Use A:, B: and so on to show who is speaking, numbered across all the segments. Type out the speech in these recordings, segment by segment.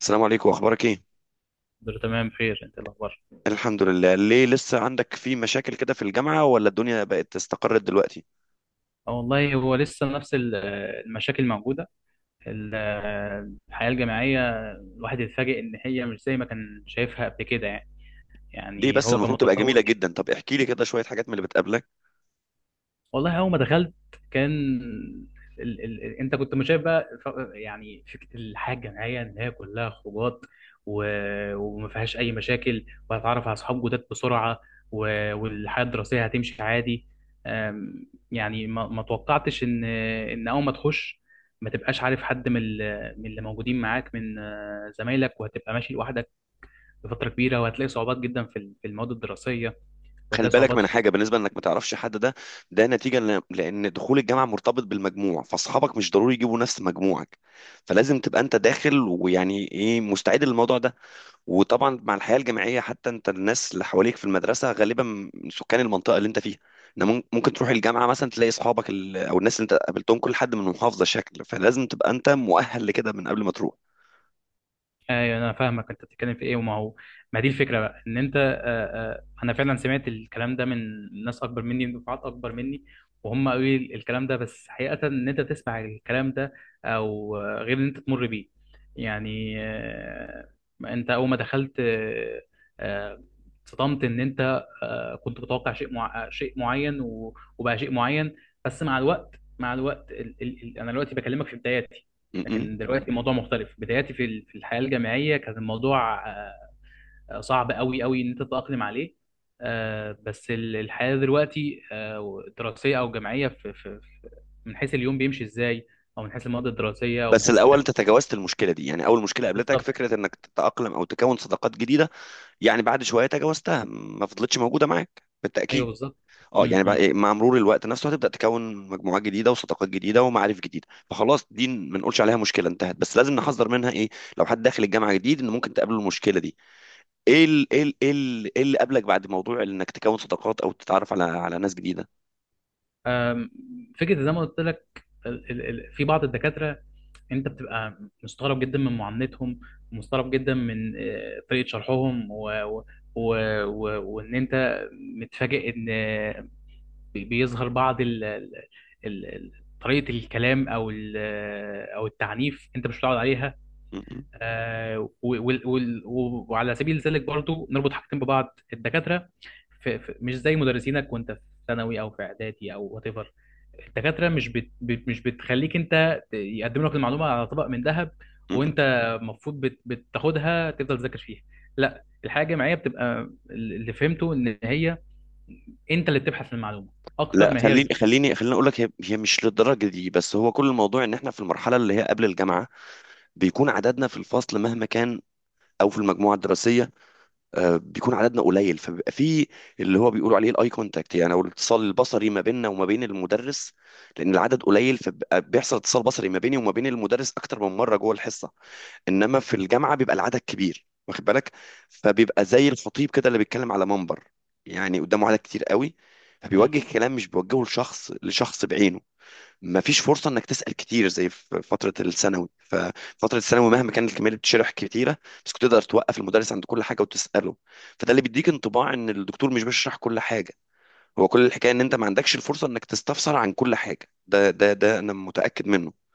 A: السلام عليكم، اخبارك ايه؟
B: دول تمام بخير، انت إيه الاخبار؟
A: الحمد لله. ليه لسه عندك في مشاكل كده في الجامعة، ولا الدنيا بقت استقرت دلوقتي؟
B: اه، والله هو لسه نفس المشاكل موجوده. ال- الحياه الجامعيه، الواحد يتفاجئ ان هي مش زي ما كان شايفها قبل كده، يعني.
A: ليه
B: يعني
A: بس؟
B: هو كان
A: المفروض تبقى جميلة
B: متصور.
A: جدا. طب احكي لي كده شوية حاجات من اللي بتقابلك.
B: والله اول ما دخلت كان انت كنت مش شايف بقى. يعني فكره الحياه الجامعيه ان هي كلها خروجات، و... وما فيهاش اي مشاكل، وهتعرف على اصحاب جداد بسرعه، و... والحياه الدراسيه هتمشي عادي. أم، يعني ما توقعتش ان اول ما تخش ما تبقاش عارف حد من من اللي موجودين معاك من زمايلك، وهتبقى ماشي لوحدك لفتره كبيره، وهتلاقي صعوبات جدا في في المواد الدراسيه،
A: خلي
B: وهتلاقي
A: بالك
B: صعوبات.
A: من حاجة بالنسبة انك ما تعرفش حد، ده نتيجة لان دخول الجامعة مرتبط بالمجموع، فاصحابك مش ضروري يجيبوا نفس مجموعك. فلازم تبقى انت داخل، ويعني ايه، مستعد للموضوع ده. وطبعا مع الحياه الجامعيه، حتى انت الناس اللي حواليك في المدرسه غالبا من سكان المنطقه اللي انت فيها. إن ممكن تروح الجامعه مثلا تلاقي اصحابك او الناس اللي انت قابلتهم، كل حد من محافظه شكل. فلازم تبقى انت مؤهل لكده من قبل ما تروح.
B: ايوه، انا فاهمك، انت بتتكلم في ايه. وما هو ما دي الفكره بقى ان انت، انا فعلا سمعت الكلام ده من ناس اكبر مني، من دفعات اكبر مني، وهم قالوا لي الكلام ده. بس حقيقه، ان انت تسمع الكلام ده او غير ان انت تمر بيه. يعني انت اول ما دخلت آه، اتصدمت ان انت كنت متوقع شيء معين، وبقى شيء معين. بس مع الوقت، مع الوقت انا دلوقتي بكلمك في بداياتي.
A: م.
B: لكن دلوقتي الموضوع مختلف. بداياتي في في الحياة الجامعية كان الموضوع صعب قوي قوي ان انت تتأقلم عليه. بس الحياة دلوقتي دراسية او جامعية، من حيث اليوم بيمشي ازاي، او من حيث المواد الدراسية، او من
A: بس
B: حيث
A: الاول انت
B: الترتيب.
A: تجاوزت المشكله دي. يعني اول مشكله قابلتك
B: بالظبط.
A: فكره انك تتاقلم او تكون صداقات جديده. يعني بعد شويه تجاوزتها، ما فضلتش موجوده معاك
B: ايوه،
A: بالتاكيد.
B: بالظبط.
A: اه، يعني
B: م-
A: بقى
B: م.
A: إيه، مع مرور الوقت نفسه هتبدا تكون مجموعات جديده وصداقات جديده ومعارف جديده، فخلاص دي ما نقولش عليها مشكله، انتهت. بس لازم نحذر منها ايه؟ لو حد داخل الجامعه جديد، ان ممكن تقابله المشكله دي. ايه اللي قابلك بعد موضوع انك تكون صداقات او تتعرف على ناس جديده؟
B: آم، فكرة، زي ما قلت لك، في بعض الدكاترة انت بتبقى مستغرب جدا من معاملتهم، ومستغرب جدا من طريقة شرحهم، و... وان انت متفاجئ ان، بيظهر بعض ال... ال- طريقة الكلام، او ال... آه، او التعنيف انت مش متعود عليها.
A: م- م-
B: وعلى سبيل ذلك برضو نربط حاجتين، ببعض الدكاترة، مش زي مدرسينك وانت في ثانوي او في اعدادي او وات ايفر. الدكاترة مش بت بت- مش بتخليك انت، يقدموا لك المعلومة على طبق من ذهب.
A: م.
B: وانت المفروض بتاخدها، تفضل تذاكر فيها. لا، الحياة الجامعية بتبقى، اللي فهمته ان هي، انت اللي بتبحث عن المعلومة اكتر
A: لا.
B: ما هي
A: خليني
B: بتجيب.
A: خليني خليني اقول لك، هي مش للدرجه دي، بس هو كل الموضوع ان احنا في المرحله اللي هي قبل الجامعه. بيكون عددنا في الفصل مهما كان، او في المجموعه الدراسيه، بيكون عددنا قليل، فبيبقى في اللي هو بيقولوا عليه الاي كونتاكت، يعني او الاتصال البصري ما بيننا وما بين المدرس. لان العدد قليل، فبيبقى بيحصل اتصال بصري ما بيني وما بين المدرس اكتر من مره جوه الحصه. انما في الجامعه بيبقى العدد كبير، واخد بالك؟ فبيبقى زي الخطيب كده اللي بيتكلم على منبر. يعني قدامه عدد كتير قوي، فبيوجه كلام مش بيوجهه لشخص بعينه. ما فيش فرصه انك تسال كتير زي في فتره الثانوي. ففتره الثانوي مهما كانت الكميه اللي بتشرح كتيره، بس كنت تقدر توقف المدرس عند كل حاجه وتساله. فده اللي بيديك انطباع ان الدكتور مش بيشرح كل حاجه. هو كل الحكايه ان انت ما عندكش الفرصه انك تستفسر عن كل حاجه. ده انا متاكد منه.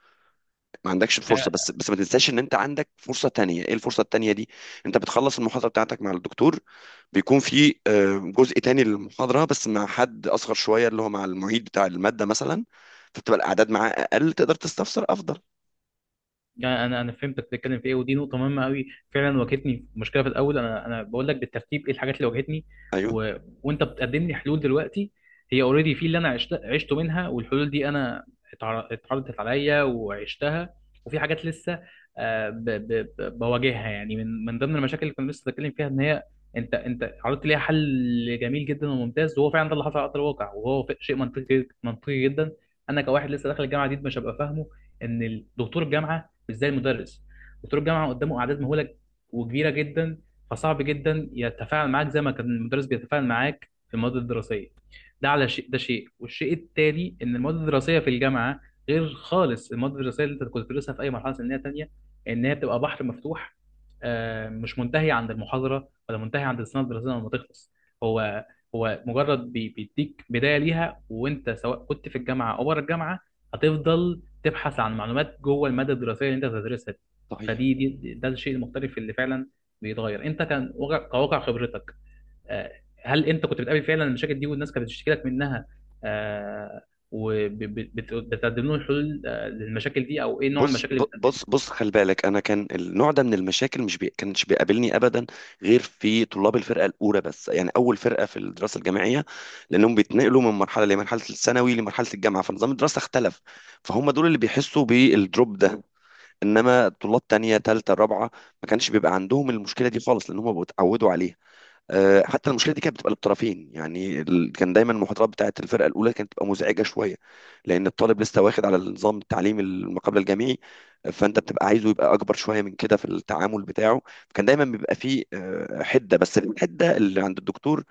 A: ما عندكش الفرصه، بس ما تنساش ان انت عندك فرصه تانية. ايه الفرصه التانية دي؟ انت بتخلص المحاضره بتاعتك مع الدكتور. بيكون في جزء تاني للمحاضره، بس مع حد اصغر شويه اللي هو مع المعيد بتاع الماده مثلا. فبتبقى الاعداد معاه اقل، تقدر تستفسر افضل.
B: يعني انا فهمت بتتكلم في ايه، ودي نقطه مهمه قوي، فعلا واجهتني مشكله في الاول. انا بقول لك بالترتيب ايه الحاجات اللي واجهتني،
A: ايوه،
B: و... وانت بتقدم لي حلول دلوقتي. هي اوريدي في اللي انا عشته منها، والحلول دي انا اتعرضت عليا وعشتها، وفي حاجات لسه آه، ب... ب... بواجهها، يعني من ضمن المشاكل اللي كنا لسه بنتكلم فيها ان هي، انت عرضت ليها حل جميل جدا وممتاز، وهو فعلا ده اللي حصل على ارض الواقع، وهو شيء منطقي منطقي جدا. انا كواحد لسه داخل الجامعه جديد مش هبقى فاهمه ان دكتور الجامعه مش زي المدرس. دكتور الجامعه قدامه اعداد مهوله وكبيره جدا، فصعب جدا يتفاعل معاك زي ما كان المدرس بيتفاعل معاك في المواد الدراسيه. ده على شيء، ده شيء، والشيء التالي ان المواد الدراسيه في الجامعه غير خالص المواد الدراسيه اللي انت كنت بتدرسها في اي مرحله سنيه تانيه، ان هي بتبقى بحر مفتوح، مش منتهي عند المحاضره ولا منتهي عند السنه الدراسيه لما تخلص. هو هو مجرد بيديك بدايه ليها، وانت سواء كنت في الجامعه او بره الجامعه هتفضل تبحث عن معلومات جوه الماده الدراسيه اللي انت بتدرسها دي.
A: صحيح.
B: فدي دي ده الشيء المختلف اللي فعلا بيتغير، انت كان كواقع خبرتك. آه، هل انت كنت بتقابل فعلا المشاكل دي، والناس كانت بتشتكي لك منها، وبتقدم لهم حلول للمشاكل دي؟ او ايه نوع
A: بص
B: المشاكل
A: ب-
B: اللي
A: بص
B: بتقدمها؟
A: بص خلي بالك، انا كان النوع ده من المشاكل مش بي... كانش بيقابلني ابدا، غير في طلاب الفرقه الاولى بس، يعني اول فرقه في الدراسه الجامعيه. لانهم بيتنقلوا من مرحله لمرحله، الثانوي لمرحله الجامعه، فنظام الدراسه اختلف. فهم دول اللي بيحسوا بالدروب ده. انما طلاب تانية تالتة رابعة ما كانش بيبقى عندهم المشكله دي خالص، لان هم بيتعودوا عليها. حتى المشكله دي كانت بتبقى للطرفين، كان دايما المحاضرات بتاعه الفرقه الاولى كانت بتبقى مزعجه شويه، لان الطالب لسه واخد على النظام التعليمي ما قبل الجامعي. فانت بتبقى عايزه يبقى اكبر شويه من كده في التعامل بتاعه. كان دايما بيبقى فيه حده، بس الحده اللي عند الدكتور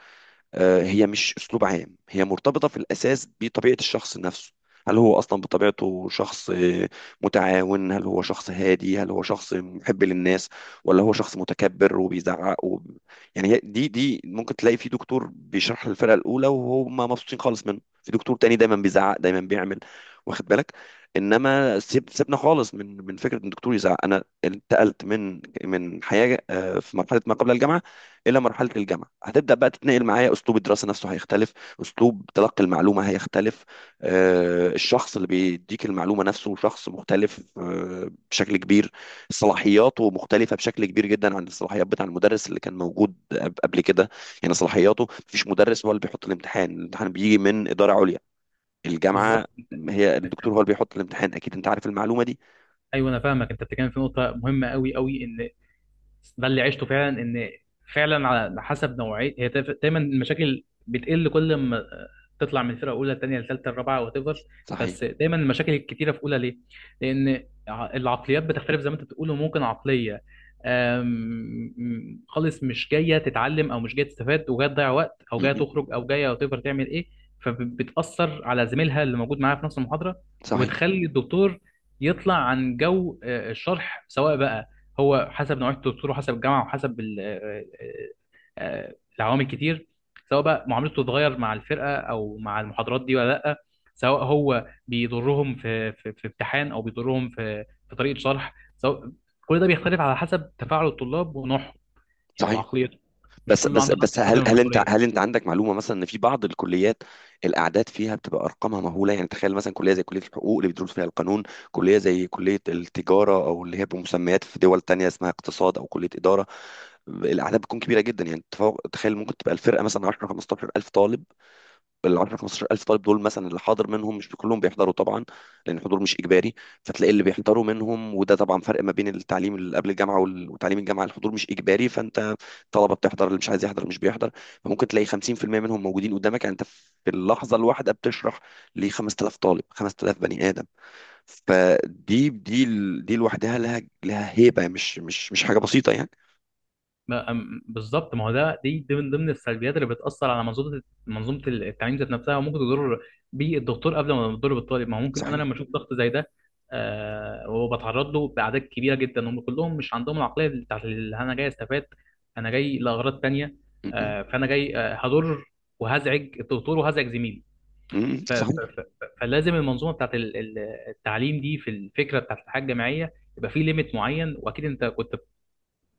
A: هي مش اسلوب عام، هي مرتبطه في الاساس بطبيعه الشخص نفسه. هل هو اصلا بطبيعته شخص متعاون؟ هل هو شخص هادي؟ هل هو شخص محب للناس؟ ولا هو شخص متكبر وبيزعق؟ يعني دي ممكن تلاقي في دكتور بيشرح للفرقه الاولى وهم مبسوطين خالص منه، في دكتور تاني دايما بيزعق دايما بيعمل، واخد بالك. انما سيبنا خالص من فكره ان الدكتور يزعق. انا انتقلت من حياه في مرحله ما قبل الجامعه الى مرحله الجامعه، هتبدا بقى تتنقل معايا. اسلوب الدراسه نفسه هيختلف، اسلوب تلقي المعلومه هيختلف، الشخص اللي بيديك المعلومه نفسه شخص مختلف بشكل كبير. صلاحياته مختلفه بشكل كبير جدا عن الصلاحيات بتاع المدرس اللي كان موجود قبل كده. يعني صلاحياته، مفيش مدرس هو اللي بيحط الامتحان. الامتحان بيجي من اداره عليا، الجامعه.
B: بالظبط.
A: هي الدكتور هو اللي بيحط الامتحان، اكيد انت عارف المعلومه دي.
B: ايوه انا فاهمك، انت بتتكلم في نقطه مهمه قوي قوي، ان ده اللي عشته فعلا، ان فعلا على حسب نوعيه هي، دايما المشاكل بتقل كل ما تطلع من فرقه اولى، ثانيه لثالثه، الرابعه، وات ايفر.
A: صحيح.
B: بس دايما المشاكل الكتيره في اولى، ليه؟ لان العقليات بتختلف زي ما انت بتقول، وممكن عقليه آم، خالص مش جايه تتعلم، او مش جايه تستفاد وجايه تضيع وقت، او جايه
A: م.
B: تخرج، او جايه وات ايفر تعمل ايه. فبتاثر على زميلها اللي موجود معاها في نفس المحاضره،
A: صحيح،
B: وبتخلي الدكتور يطلع عن جو الشرح، سواء بقى هو حسب نوعية الدكتور وحسب الجامعة وحسب العوامل كتير. سواء بقى معاملته تتغير مع الفرقة أو مع المحاضرات دي ولا لأ، سواء هو بيضرهم في امتحان، أو بيضرهم في طريقة شرح، سواء كل ده بيختلف على حسب تفاعل الطلاب ونوعهم، يعني
A: صحيح.
B: وعقليته. مش
A: بس
B: كله
A: بس
B: عنده
A: بس
B: نفس القدر
A: هل
B: من
A: هل انت هل
B: المسؤولية.
A: انت عندك معلومه مثلا ان في بعض الكليات الاعداد فيها بتبقى ارقامها مهوله. يعني تخيل مثلا كليه زي كليه الحقوق اللي بتدرس فيها القانون، كليه زي كليه التجاره، او اللي هي بمسميات في دول تانية اسمها اقتصاد او كليه اداره. الاعداد بتكون كبيره جدا، يعني تخيل ممكن تبقى الفرقه مثلا 10 15 الف طالب. ال 10 15000 طالب دول مثلا، اللي حاضر منهم، مش كلهم بيحضروا طبعا، لان الحضور مش اجباري. فتلاقي اللي بيحضروا منهم، وده طبعا فرق ما بين التعليم اللي قبل الجامعه وتعليم الجامعه. الحضور مش اجباري، فانت الطلبه بتحضر، اللي مش عايز يحضر مش بيحضر. فممكن تلاقي 50% منهم موجودين قدامك. يعني انت في اللحظه الواحده بتشرح ل 5000 طالب، 5000 بني ادم. فدي دي ال- دي لوحدها لها هيبه، مش حاجه بسيطه يعني.
B: بالظبط. ما هو ده، دي من ضمن السلبيات اللي بتأثر على منظومة التعليم ذات نفسها، وممكن تضر بالدكتور قبل ما تضر بالطالب. ما هو ممكن انا
A: صحيح.
B: لما اشوف ضغط زي ده، وبتعرض له بأعداد كبيرة جدا، هم كلهم مش عندهم العقلية بتاعت اللي انا جاي استفاد. انا جاي لأغراض تانية،
A: م- م-
B: فانا جاي هضر وهزعج الدكتور وهزعج زميلي.
A: صحيح،
B: فلازم المنظومة بتاعت التعليم دي، في الفكرة بتاعت الحياة الجامعية، يبقى في ليميت معين. واكيد انت كنت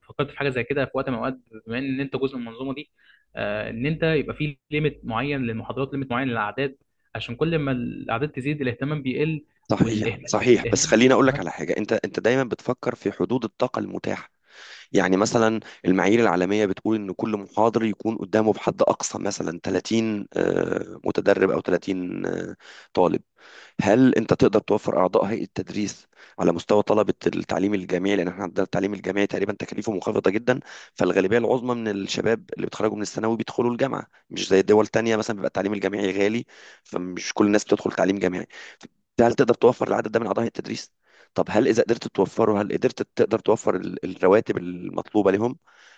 B: فكرت في حاجه زي كده في وقت من الاوقات، بما ان انت جزء من المنظومه دي، ان انت يبقى في ليميت معين للمحاضرات، ليميت معين للاعداد، عشان كل ما الاعداد تزيد الاهتمام بيقل،
A: صحيح،
B: والاهمال،
A: صحيح. بس
B: والاهمال.
A: خليني اقول لك على حاجه، انت دايما بتفكر في حدود الطاقه المتاحه. يعني مثلا، المعايير العالميه بتقول ان كل محاضر يكون قدامه بحد اقصى مثلا 30 متدرب، او 30 طالب. هل انت تقدر توفر اعضاء هيئه التدريس على مستوى طلبه التعليم الجامعي؟ لان احنا عندنا التعليم الجامعي تقريبا تكاليفه منخفضه جدا، فالغالبيه العظمى من الشباب اللي بيتخرجوا من الثانوي بيدخلوا الجامعه، مش زي دول تانية مثلا بيبقى التعليم الجامعي غالي، فمش كل الناس بتدخل تعليم جامعي. هل تقدر توفر العدد ده من اعضاء هيئه التدريس؟ طب هل اذا قدرت توفره، هل تقدر توفر الرواتب المطلوبه لهم؟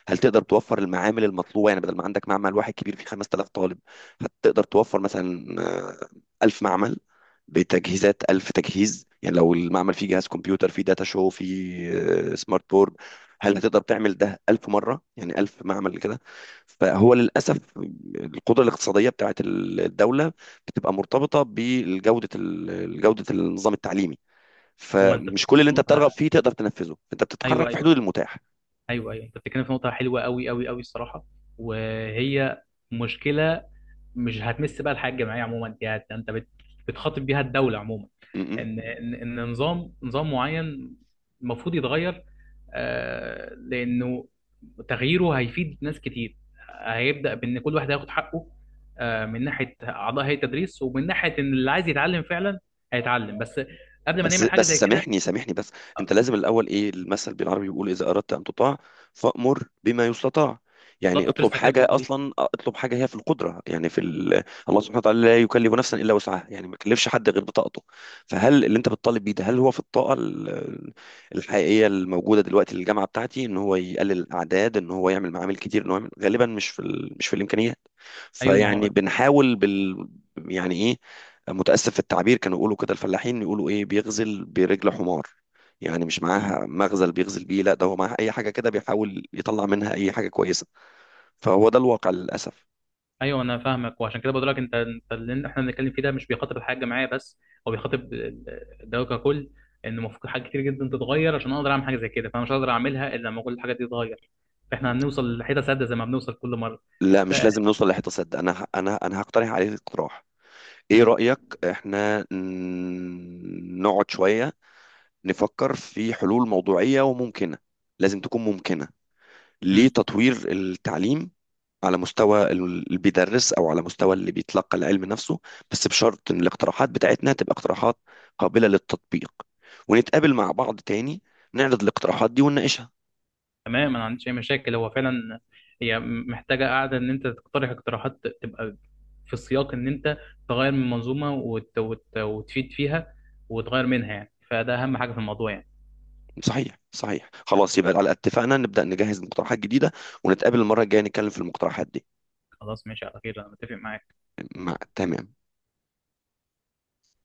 A: هل تقدر توفر المعامل المطلوبه؟ يعني بدل ما عندك معمل واحد كبير فيه 5000 طالب، هتقدر توفر مثلا 1000 معمل بتجهيزات 1000 تجهيز؟ يعني لو المعمل فيه جهاز كمبيوتر، فيه داتا شو، فيه سمارت بورد، هل هتقدر تعمل ده 1000 مرة؟ يعني 1000 معمل كده. فهو للأسف، القدرة الاقتصادية بتاعت الدولة بتبقى مرتبطة بجودة جودة النظام التعليمي.
B: هو انت
A: فمش كل
B: بتتكلم
A: اللي
B: في
A: انت
B: نقطه،
A: بترغب فيه تقدر تنفذه، انت
B: ايوه،
A: بتتحرك في
B: ايوه،
A: حدود
B: ايوه،
A: المتاح.
B: ايوه، أيوه، انت بتتكلم في نقطه حلوه قوي قوي قوي، الصراحه. وهي مشكله مش هتمس بقى الحياه الجامعيه عموما. دي، انت بتخاطب بيها الدوله عموما،
A: م-
B: ان نظام معين المفروض يتغير، لانه تغييره هيفيد ناس كتير، هيبدا بان كل واحد هياخد حقه، من ناحيه اعضاء هيئه التدريس، ومن ناحيه ان اللي عايز يتعلم فعلا هيتعلم. بس قبل ما
A: بس
B: نعمل حاجه
A: بس
B: زي كده،
A: سامحني بس، انت
B: آه،
A: لازم الاول، ايه المثل بالعربي بيقول؟ اذا اردت ان تطاع، فامر بما يستطاع. يعني
B: بالظبط، كنت
A: اطلب
B: لسه هتكلم في
A: حاجه،
B: النقطه دي.
A: اصلا اطلب حاجه هي في القدره، يعني الله سبحانه وتعالى لا يكلف نفسا الا وسعها، يعني ما يكلفش حد غير بطاقته. فهل اللي انت بتطالب بيه ده، هل هو في الطاقه الحقيقيه الموجوده دلوقتي للجامعه بتاعتي؟ ان هو يقلل الاعداد، ان هو يعمل معامل كتير، ان هو غالبا مش في الامكانيات.
B: ايوه، ما
A: فيعني
B: هو،
A: بنحاول. يعني ايه، متأسف في التعبير، كانوا يقولوا كده الفلاحين، يقولوا ايه، بيغزل برجل حمار. يعني مش معاها مغزل بيغزل بيه، لا ده هو معاها اي حاجة كده بيحاول يطلع منها اي حاجة كويسة. فهو ده الواقع للأسف.
B: ايوه انا فاهمك، وعشان كده بقول لك انت، اللي احنا بنتكلم فيه ده مش بيخاطب الحاجه معايا بس، هو بيخاطب الدوله ككل، ان المفروض حاجات كتير جدا تتغير عشان اقدر اعمل حاجه زي كده، فانا مش هقدر اعملها الا لما كل الحاجات دي تتغير، فاحنا هنوصل لحته سد زي ما بنوصل كل مره.
A: لا،
B: ف
A: مش لازم نوصل للحيطة ده. انا هقترح عليك اقتراح. ايه
B: م-
A: رأيك؟ احنا نقعد شوية، نفكر في حلول موضوعية وممكنة. لازم تكون ممكنة،
B: م.
A: لتطوير التعليم، على مستوى اللي بيدرس، او على مستوى اللي بيتلقى العلم نفسه. بس بشرط ان الاقتراحات بتاعتنا تبقى اقتراحات قابلة للتطبيق. ونتقابل مع بعض تاني، نعرض الاقتراحات دي ونناقشها.
B: تمام. انا ما عنديش اي مشاكل، هو فعلا هي محتاجه قاعده ان انت تقترح اقتراحات تبقى في السياق، ان انت تغير من منظومه وتفيد فيها، وتغير منها، يعني فده اهم حاجه في الموضوع، يعني.
A: صحيح، صحيح. خلاص يبقى، على اتفقنا نبدأ نجهز مقترحات جديدة، ونتقابل المرة الجاية نتكلم في المقترحات دي.
B: خلاص، ماشي على خير، انا متفق معاك.
A: مع تمام.